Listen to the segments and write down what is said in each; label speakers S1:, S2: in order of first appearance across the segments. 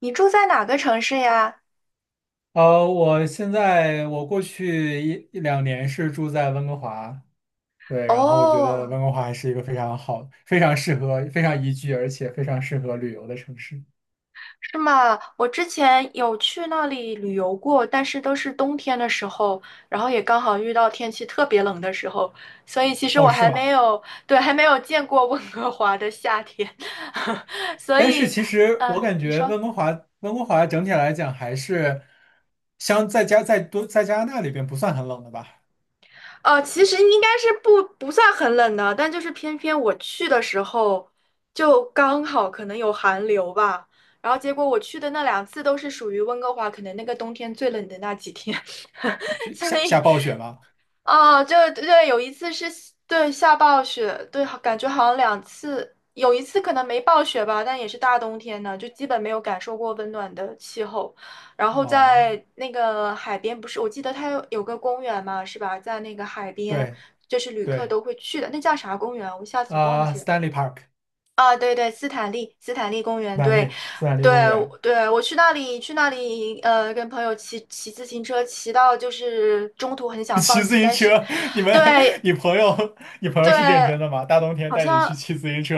S1: 你住在哪个城市呀？
S2: 呃，我现在我过去一两年是住在温哥华，对，然后我觉得
S1: 哦，
S2: 温哥华还是一个非常好、非常适合、非常宜居，而且非常适合旅游的城市。
S1: 是吗？我之前有去那里旅游过，但是都是冬天的时候，然后也刚好遇到天气特别冷的时候，所以其实
S2: 哦，
S1: 我
S2: 是
S1: 还没
S2: 吗？
S1: 有，对，还没有见过温哥华的夏天，所
S2: 但是
S1: 以，
S2: 其实我感
S1: 你
S2: 觉
S1: 说。
S2: 温哥华整体来讲还是相在加在多在加拿大里边不算很冷的吧？
S1: 其实应该是不算很冷的，但就是偏偏我去的时候就刚好可能有寒流吧，然后结果我去的那两次都是属于温哥华，可能那个冬天最冷的那几天，
S2: 就
S1: 所
S2: 下
S1: 以
S2: 暴雪吗？
S1: 哦，就对，有一次是对下暴雪，对，感觉好像两次，有一次可能没暴雪吧，但也是大冬天的，就基本没有感受过温暖的气候。然后
S2: 哦，
S1: 在那个海边，不是，我记得它有个公园嘛，是吧？在那个海边，
S2: 对
S1: 就是旅客
S2: 对，
S1: 都会去的，那叫啥公园？我一下子忘记
S2: s
S1: 了。
S2: t a n l e y Park，斯
S1: 啊，对对，斯坦利，斯坦利公园，
S2: 坦
S1: 对，
S2: 利斯坦利
S1: 对
S2: 公园。
S1: 对，我去那里，跟朋友骑自行车，骑到就是中途很 想放
S2: 骑自
S1: 弃，
S2: 行
S1: 但是，
S2: 车，你们，
S1: 对
S2: 你朋友是认
S1: 对，
S2: 真的吗？大冬天
S1: 好
S2: 带你去
S1: 像
S2: 骑自行车。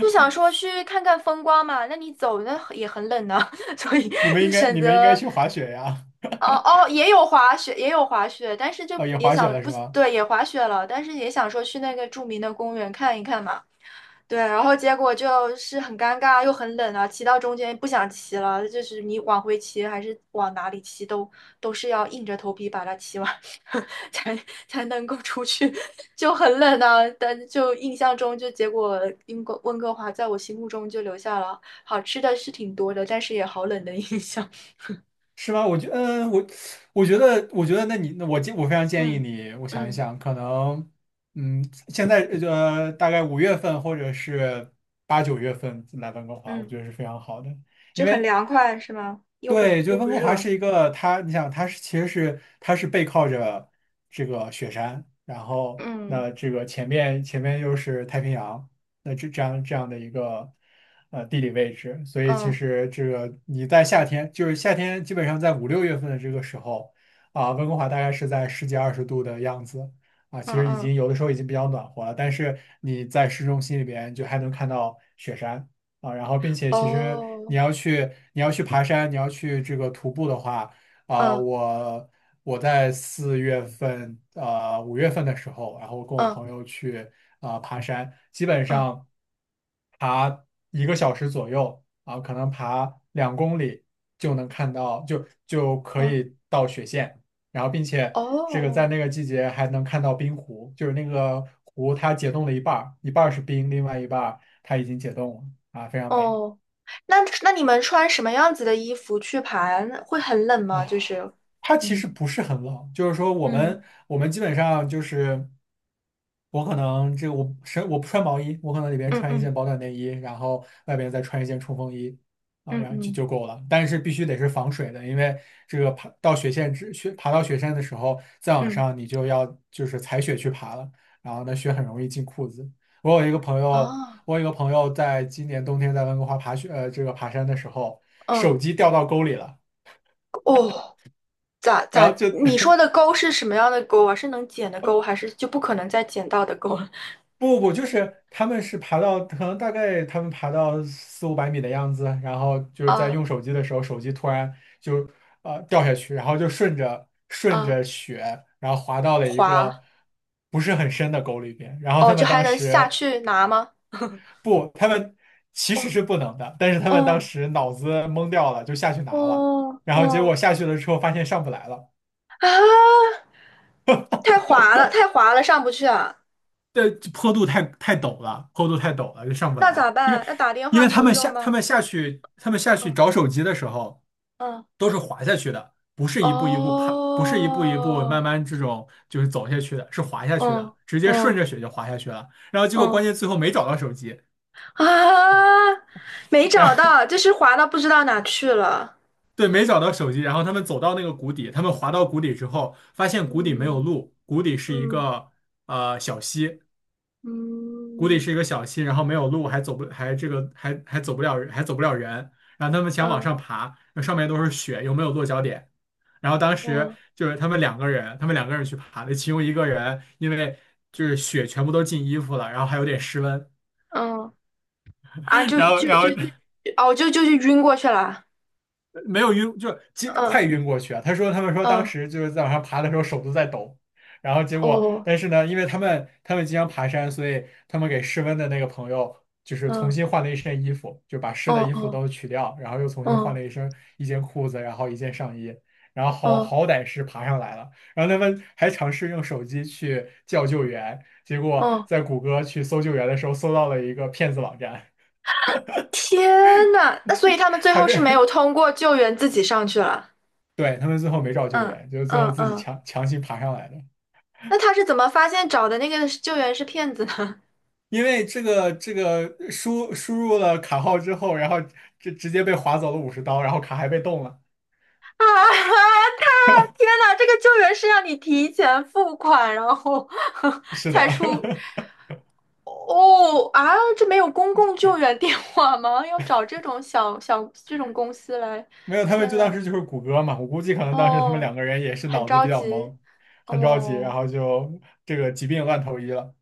S1: 就想说去看看风光嘛，那你走那也很冷呢，所以
S2: 你们
S1: 就
S2: 应该，
S1: 选
S2: 你们应该
S1: 择，
S2: 去滑雪呀？
S1: 哦哦，也有滑雪，也有滑雪，但是就
S2: 哦，也
S1: 也
S2: 滑雪
S1: 想
S2: 了
S1: 不，
S2: 是吗？
S1: 对，也滑雪了，但是也想说去那个著名的公园看一看嘛。对，然后结果就是很尴尬又很冷啊，骑到中间不想骑了，就是你往回骑还是往哪里骑都是要硬着头皮把它骑完，才才能够出去，就很冷啊。但就印象中，就结果英国温哥华在我心目中就留下了好吃的是挺多的，但是也好冷的印象。
S2: 是吗？嗯，我觉得,那你，那我建，我非常建议
S1: 嗯
S2: 你，我想一
S1: 嗯
S2: 想，可能，嗯，现在大概五月份或者是8、9月份来温哥华，我
S1: 嗯，
S2: 觉得是非常好的。因
S1: 就很
S2: 为，
S1: 凉快是吗？又不
S2: 对，就
S1: 又
S2: 温
S1: 不
S2: 哥华
S1: 热。
S2: 是一个，它，你想，其实它是背靠着这个雪山，然后
S1: 嗯
S2: 那这个前面又是太平洋，那这样的一个地理位置，所以其
S1: 嗯
S2: 实这个你在夏天，就是夏天基本上在5、6月份的这个时候啊，温哥华大概是在十几二十度的样子啊，其
S1: 嗯
S2: 实已
S1: 嗯，
S2: 经有的时候已经比较暖和了，但是你在市中心里边就还能看到雪山啊。然后并且其实你
S1: 哦，
S2: 要去你要去爬山，你要去这个徒步的话啊，
S1: 嗯
S2: 我。我在四月份，呃，五月份的时候，然后跟我
S1: 嗯
S2: 朋友去爬山，基本
S1: 嗯
S2: 上爬1个小时左右可能爬2公里就能看到，就可
S1: 嗯。
S2: 以到雪线，然后并且这个在
S1: 哦
S2: 那个季节还能看到冰湖，就是那个湖它解冻了一半儿，一半儿是冰，另外一半儿它已经解冻了非常美。
S1: 哦，那你们穿什么样子的衣服去爬？会很冷吗？
S2: 啊，
S1: 就是，
S2: 它其实
S1: 嗯
S2: 不是很冷，就是说我
S1: 嗯
S2: 们我们基本上就是我可能这个我不穿毛衣，我可能里边
S1: 嗯
S2: 穿一
S1: 嗯
S2: 件保暖内衣，然后外边再穿一件冲锋衣啊，
S1: 嗯
S2: 然后就
S1: 嗯
S2: 就够了。但是必须得是防水的，因为这个爬到雪山的时候，再往
S1: 嗯，
S2: 上你就要就是踩雪去爬了，然后呢雪很容易进裤子。我有一个朋友，
S1: 哦
S2: 我有一个朋友在今年冬天在温哥华爬雪呃这个爬山的时候，
S1: 嗯
S2: 手机掉到沟里了。
S1: 哦，咋
S2: 然后
S1: 咋？你说的钩是什么样的钩啊？是能捡的钩，还是就不可能再捡到的钩了？
S2: 不，不，就是他们是爬到，可能大概他们爬到4、500米的样子，然后就是在
S1: 啊
S2: 用手机的时候，手机突然就掉下去，然后就顺着顺
S1: 啊，
S2: 着雪，然后滑到了一个
S1: 滑
S2: 不是很深的沟里边。然后
S1: 哦，
S2: 他
S1: 就
S2: 们
S1: 还
S2: 当
S1: 能下
S2: 时
S1: 去拿吗？
S2: 不，他们其实
S1: 哦
S2: 是不能的，但是他们当
S1: 哦
S2: 时脑子懵掉了，就下去拿了，
S1: 哦
S2: 然后结果
S1: 哦
S2: 下去了之后发现上不来了。
S1: 啊！太滑了，太滑了，上不去啊！
S2: 这坡度太陡了，坡度太陡了，就上不
S1: 那咋
S2: 来。因为
S1: 办？要打电
S2: 因
S1: 话
S2: 为他
S1: 求
S2: 们
S1: 救
S2: 下他
S1: 吗？
S2: 们下去他们下去
S1: 嗯
S2: 找手机的时候，
S1: 嗯，
S2: 都是滑下去的，不是一步一步爬，不是一步一步
S1: 哦，
S2: 慢慢这种就是走下去的，是滑下去的，
S1: 嗯
S2: 直接顺
S1: 嗯
S2: 着雪就滑下去了。然后结果
S1: 嗯
S2: 关键最后没找到手机，
S1: 啊，没
S2: 然
S1: 找
S2: 后
S1: 到，就是滑到不知道哪去了。
S2: 对，没找到手机，然后他们走到那个谷底，他们滑到谷底之后，发现谷底没有
S1: 嗯
S2: 路，谷底是一
S1: 嗯
S2: 个呃小溪，谷底
S1: 嗯
S2: 是一个小溪，然后没有路，还走不还这个还还走不了还走不了人，然后他们想往
S1: 嗯
S2: 上爬，那上面都是雪，又没有落脚点。然后当时
S1: 嗯
S2: 就是他们两个人去爬的，其中一个人因为就是雪全部都进衣服了，然后还有点失温，
S1: 嗯啊，就
S2: 然后
S1: 就
S2: 然后
S1: 就就，哦，就是晕过去了。
S2: 没有晕，就
S1: 嗯
S2: 快晕过去啊！他们说当
S1: 嗯，
S2: 时就是在往上爬的时候手都在抖，然后结果，
S1: 哦，
S2: 但是呢，因为他们经常爬山，所以他们给失温的那个朋友就是重
S1: 嗯
S2: 新换了一身衣服，就把湿
S1: 哦
S2: 的衣服
S1: 哦
S2: 都取掉，然后又重新换
S1: 哦
S2: 了一身一件裤子，然后一件上衣，然后
S1: 哦
S2: 好歹是爬上来了。然后他们还尝试用手机去叫救援，结果
S1: 哦，
S2: 在谷歌去搜救援的时候搜到了一个骗子网站，
S1: 天呐，那所以他们最
S2: 还
S1: 后是没有
S2: 被
S1: 通过救援，自己上去了。
S2: 对，他们最后没找救
S1: 嗯
S2: 援，就是最
S1: 嗯
S2: 后自己
S1: 嗯，
S2: 强行爬上来的。
S1: 那他是怎么发现找的那个救援是骗子呢？
S2: 因为这个输入了卡号之后，然后直接被划走了50刀，然后卡还被冻了。
S1: 啊，他天呐，这个救援是要你提前付款，然后
S2: 是的，
S1: 才出 哦啊，这没有公共救援电话吗？要找这种这种公司来，
S2: 没有，他们
S1: 天
S2: 就当
S1: 呐，
S2: 时就是谷歌嘛，我估计可能当时他们
S1: 哦，
S2: 两个人也是
S1: 很
S2: 脑子
S1: 着
S2: 比较
S1: 急
S2: 懵，很着急，然
S1: 哦。
S2: 后就这个疾病乱投医了。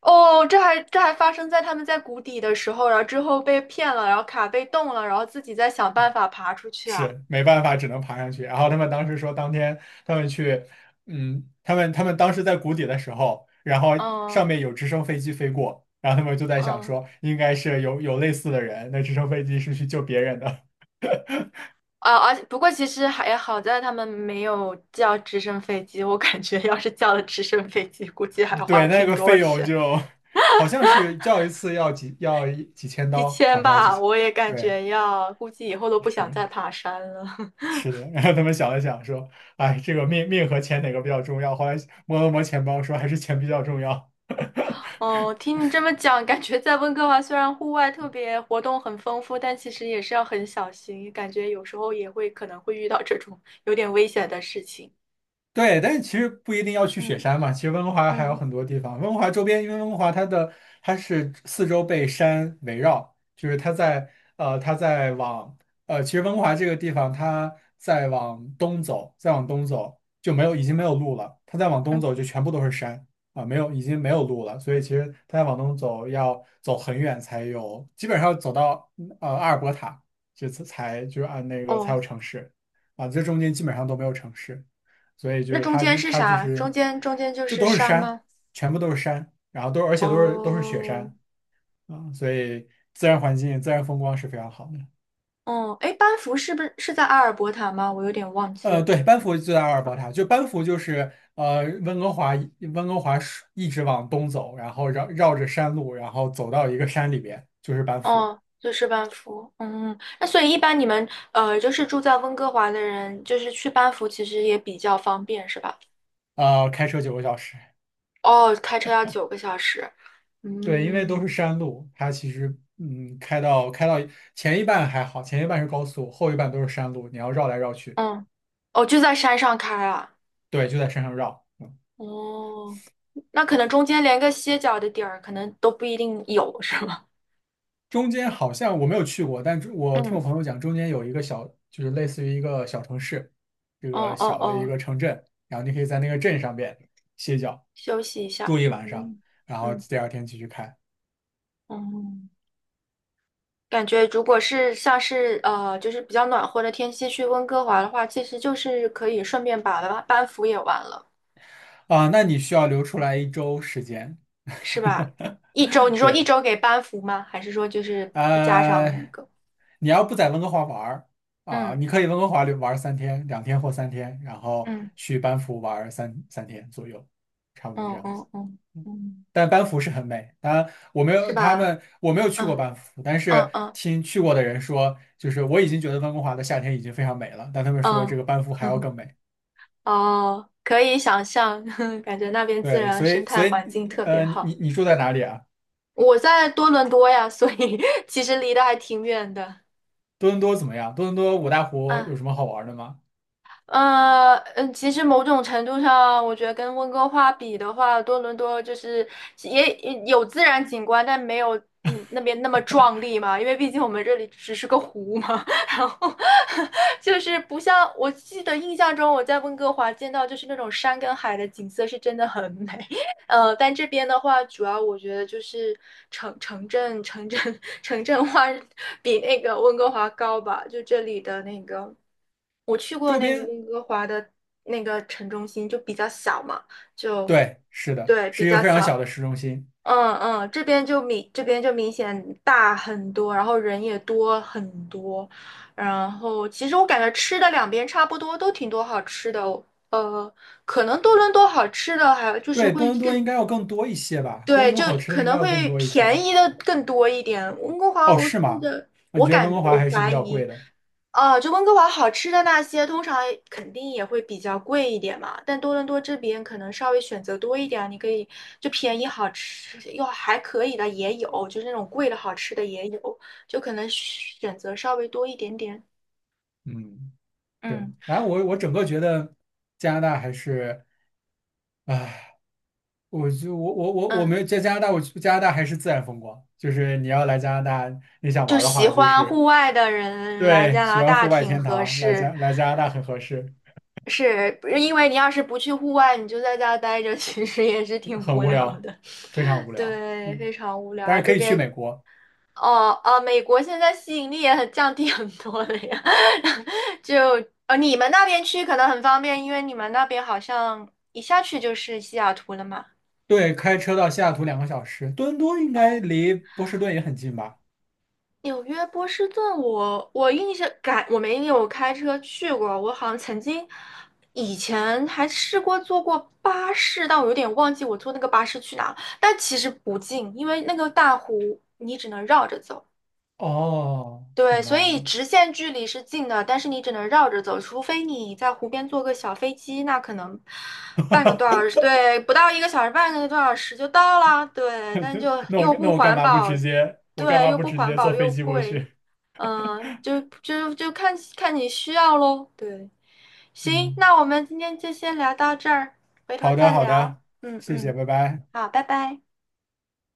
S1: 哦，这还发生在他们在谷底的时候，然后之后被骗了，然后卡被冻了，然后自己再想办法爬出去啊。
S2: 是没办法，只能爬上去。然后他们当时说，当天他们去，嗯，他们他们当时在谷底的时候，然后
S1: 嗯
S2: 上面有直升飞机飞过，然后他们就在想
S1: 嗯。
S2: 说，应该是有类似的人，那直升飞机是去救别人的。
S1: 啊，而且不过其实还好在他们没有叫直升飞机，我感觉要是叫了直升飞机，估计还 花
S2: 对，那
S1: 挺
S2: 个
S1: 多
S2: 费用
S1: 钱，
S2: 就好像是叫一次要几要一几千
S1: 几
S2: 刀，
S1: 千
S2: 好像要几
S1: 吧，
S2: 千，
S1: 我也感
S2: 对，
S1: 觉要，估计以后都不想
S2: 是
S1: 再爬山了。
S2: 是的。然后他们想了想说，哎，这个命和钱哪个比较重要？后来摸了摸钱包说，还是钱比较重要。
S1: 哦，听你这么讲，感觉在温哥华虽然户外特别活动很丰富，但其实也是要很小心，感觉有时候也会可能会遇到这种有点危险的事情。
S2: 对，但是其实不一定要去雪
S1: 嗯，
S2: 山嘛。其实温哥华还有
S1: 嗯
S2: 很多地方，温哥华周边，因为温哥华它是四周被山围绕，就是它在呃它在往呃，其实温哥华这个地方它在往东走，再往东走就没有已经没有路了，它再往东
S1: 嗯，
S2: 走就全部都是山啊，没有已经没有路了，所以其实它再往东走要走很远才有，基本上要走到阿尔伯塔，这次才就是按那个才
S1: 哦，
S2: 有城市啊，这中间基本上都没有城市。所以就
S1: 那
S2: 是
S1: 中
S2: 它
S1: 间
S2: 这
S1: 是
S2: 它就
S1: 啥？
S2: 是
S1: 中间就
S2: 就
S1: 是
S2: 都是
S1: 山
S2: 山，
S1: 吗？
S2: 全部都是山，然后都而且都是都是雪
S1: 哦。
S2: 山啊，所以自然环境、自然风光是非常好的。
S1: 哦，哎，班夫是不是在阿尔伯塔吗？我有点忘记了
S2: 对，班夫就在阿尔伯塔，就班夫就是呃温哥华温哥华是一直往东走，然后绕着山路，然后走到一个山里边，就是班夫。
S1: 哦，就是班夫。嗯，那所以一般你们就是住在温哥华的人，就是去班夫其实也比较方便，是吧？
S2: 开车9个小时。
S1: 哦，开车要9个小时。
S2: 对，因为都是
S1: 嗯
S2: 山路，它其实开到前一半还好，前一半是高速，后一半都是山路，你要绕来绕去。
S1: 嗯，哦，就在山上开啊。
S2: 对，就在山上绕。
S1: 哦，那可能中间连个歇脚的地儿，可能都不一定有，是吗？
S2: 中间好像我没有去过，但是我听我
S1: 嗯，
S2: 朋友讲，中间有一个就是类似于一个小城市，这
S1: 哦
S2: 个
S1: 哦
S2: 小的一
S1: 哦，
S2: 个城镇，然后你可以在那个镇上边歇脚，
S1: 休息一下。
S2: 住一晚上，
S1: 嗯
S2: 然后
S1: 嗯
S2: 第二天继续开
S1: 嗯。感觉如果是像是就是比较暖和的天气去温哥华的话，其实就是可以顺便把班服也完了，
S2: 啊。那你需要留出来1周时间。
S1: 是吧？一周，你 说一
S2: 对，
S1: 周给班服吗？还是说就是加上
S2: 呃，
S1: 那个？
S2: 你要不在温哥华玩儿啊，
S1: 嗯
S2: 你可以温哥华玩儿三天，2天或三天，然后
S1: 嗯
S2: 去班夫玩儿三天左右，差不多这
S1: 嗯
S2: 样子。
S1: 嗯嗯嗯，
S2: 但班夫是很美。当然
S1: 是吧？
S2: 我没有去过
S1: 嗯
S2: 班夫，但
S1: 嗯
S2: 是
S1: 嗯
S2: 听去过的人说，就是我已经觉得温哥华的夏天已经非常美了，但他们说这
S1: 嗯，
S2: 个班夫还要更美。
S1: 哦，可以想象，感觉那边自
S2: 对，
S1: 然
S2: 所
S1: 生
S2: 以
S1: 态
S2: 所以
S1: 环境特别
S2: 你你
S1: 好。
S2: 你住在哪里啊？
S1: 我在多伦多呀，所以 其实离得还挺远的。
S2: 多伦多怎么样？多伦多五大湖
S1: 啊。
S2: 有什么好玩的吗？
S1: 其实某种程度上，我觉得跟温哥华比的话，多伦多就是也有自然景观，但没有那边那么壮丽嘛，因为毕竟我们这里只是个湖嘛。然后就是不像我记得印象中我在温哥华见到就是那种山跟海的景色是真的很美，但这边的话，主要我觉得就是城城镇城镇 城镇化比那个温哥华高吧，就这里的那个。我去过
S2: 周
S1: 那个
S2: 边，
S1: 温哥华的那个城中心，就比较小嘛，就
S2: 对，是的，
S1: 对比
S2: 是一个
S1: 较
S2: 非常小
S1: 小，
S2: 的市中心。
S1: 嗯嗯，这边就明显大很多，然后人也多很多，然后其实我感觉吃的两边差不多，都挺多好吃的哦呃，可能多伦多好吃的还有就是
S2: 对，多
S1: 会
S2: 伦多应
S1: 更
S2: 该要更多一些吧？多伦
S1: 对，
S2: 多
S1: 就
S2: 好吃
S1: 可
S2: 的应该
S1: 能
S2: 要更
S1: 会
S2: 多一些。
S1: 便宜的更多一点。温哥华，
S2: 哦，
S1: 我
S2: 是
S1: 记
S2: 吗？
S1: 得，
S2: 那你
S1: 我
S2: 觉得温
S1: 感
S2: 哥华
S1: 我
S2: 还是
S1: 怀
S2: 比较
S1: 疑，
S2: 贵的？
S1: 啊，就温哥华好吃的那些，通常肯定也会比较贵一点嘛。但多伦多这边可能稍微选择多一点，你可以就便宜好吃又还可以的也有，就是那种贵的好吃的也有，就可能选择稍微多一点点。
S2: 嗯。是，
S1: 嗯
S2: 哎，我整个觉得加拿大还是，哎，我就我我我我
S1: 嗯，
S2: 没有在加拿大，我加拿大还是自然风光，就是你要来加拿大，你想
S1: 就
S2: 玩儿的
S1: 喜
S2: 话，就
S1: 欢户
S2: 是
S1: 外的人来
S2: 对，
S1: 加
S2: 喜
S1: 拿
S2: 欢
S1: 大
S2: 户外
S1: 挺
S2: 天
S1: 合
S2: 堂，
S1: 适。
S2: 来加拿大很合适，
S1: 是因为你要是不去户外，你就在家待着，其实也是挺
S2: 很
S1: 无
S2: 无
S1: 聊
S2: 聊，
S1: 的。
S2: 非常 无聊，
S1: 对，
S2: 嗯，
S1: 非常无
S2: 但
S1: 聊。
S2: 是可
S1: 这
S2: 以去
S1: 边
S2: 美国，
S1: 哦哦，美国现在吸引力也很降低很多了呀。就你们那边去可能很方便，因为你们那边好像一下去就是西雅图了嘛。
S2: 对，开车到西雅图2个小时，多伦多应该
S1: 嗯。
S2: 离波士顿也很近吧？
S1: 纽约波士顿我，我印象感我没有开车去过，我好像曾经以前还试过坐过巴士，但我有点忘记我坐那个巴士去哪了。但其实不近，因为那个大湖你只能绕着走，
S2: 哦，
S1: 对，
S2: 明
S1: 所
S2: 白
S1: 以
S2: 了。
S1: 直线距离是近的，但是你只能绕着走，除非你在湖边坐个小飞机，那可能半个多小 时，对，不到一个小时，半个多小时就到啦，对，但就
S2: 那我
S1: 又
S2: 那
S1: 不
S2: 我
S1: 环保，
S2: 干
S1: 对，
S2: 嘛
S1: 又
S2: 不
S1: 不
S2: 直
S1: 环
S2: 接
S1: 保
S2: 坐飞
S1: 又
S2: 机过
S1: 贵。
S2: 去？
S1: 嗯，就看看你需要喽。对，行，
S2: 嗯。
S1: 那我们今天就先聊到这儿，回头
S2: 好的，
S1: 再
S2: 好
S1: 聊。
S2: 的，
S1: 嗯
S2: 谢谢，
S1: 嗯，
S2: 拜拜。
S1: 好，拜拜。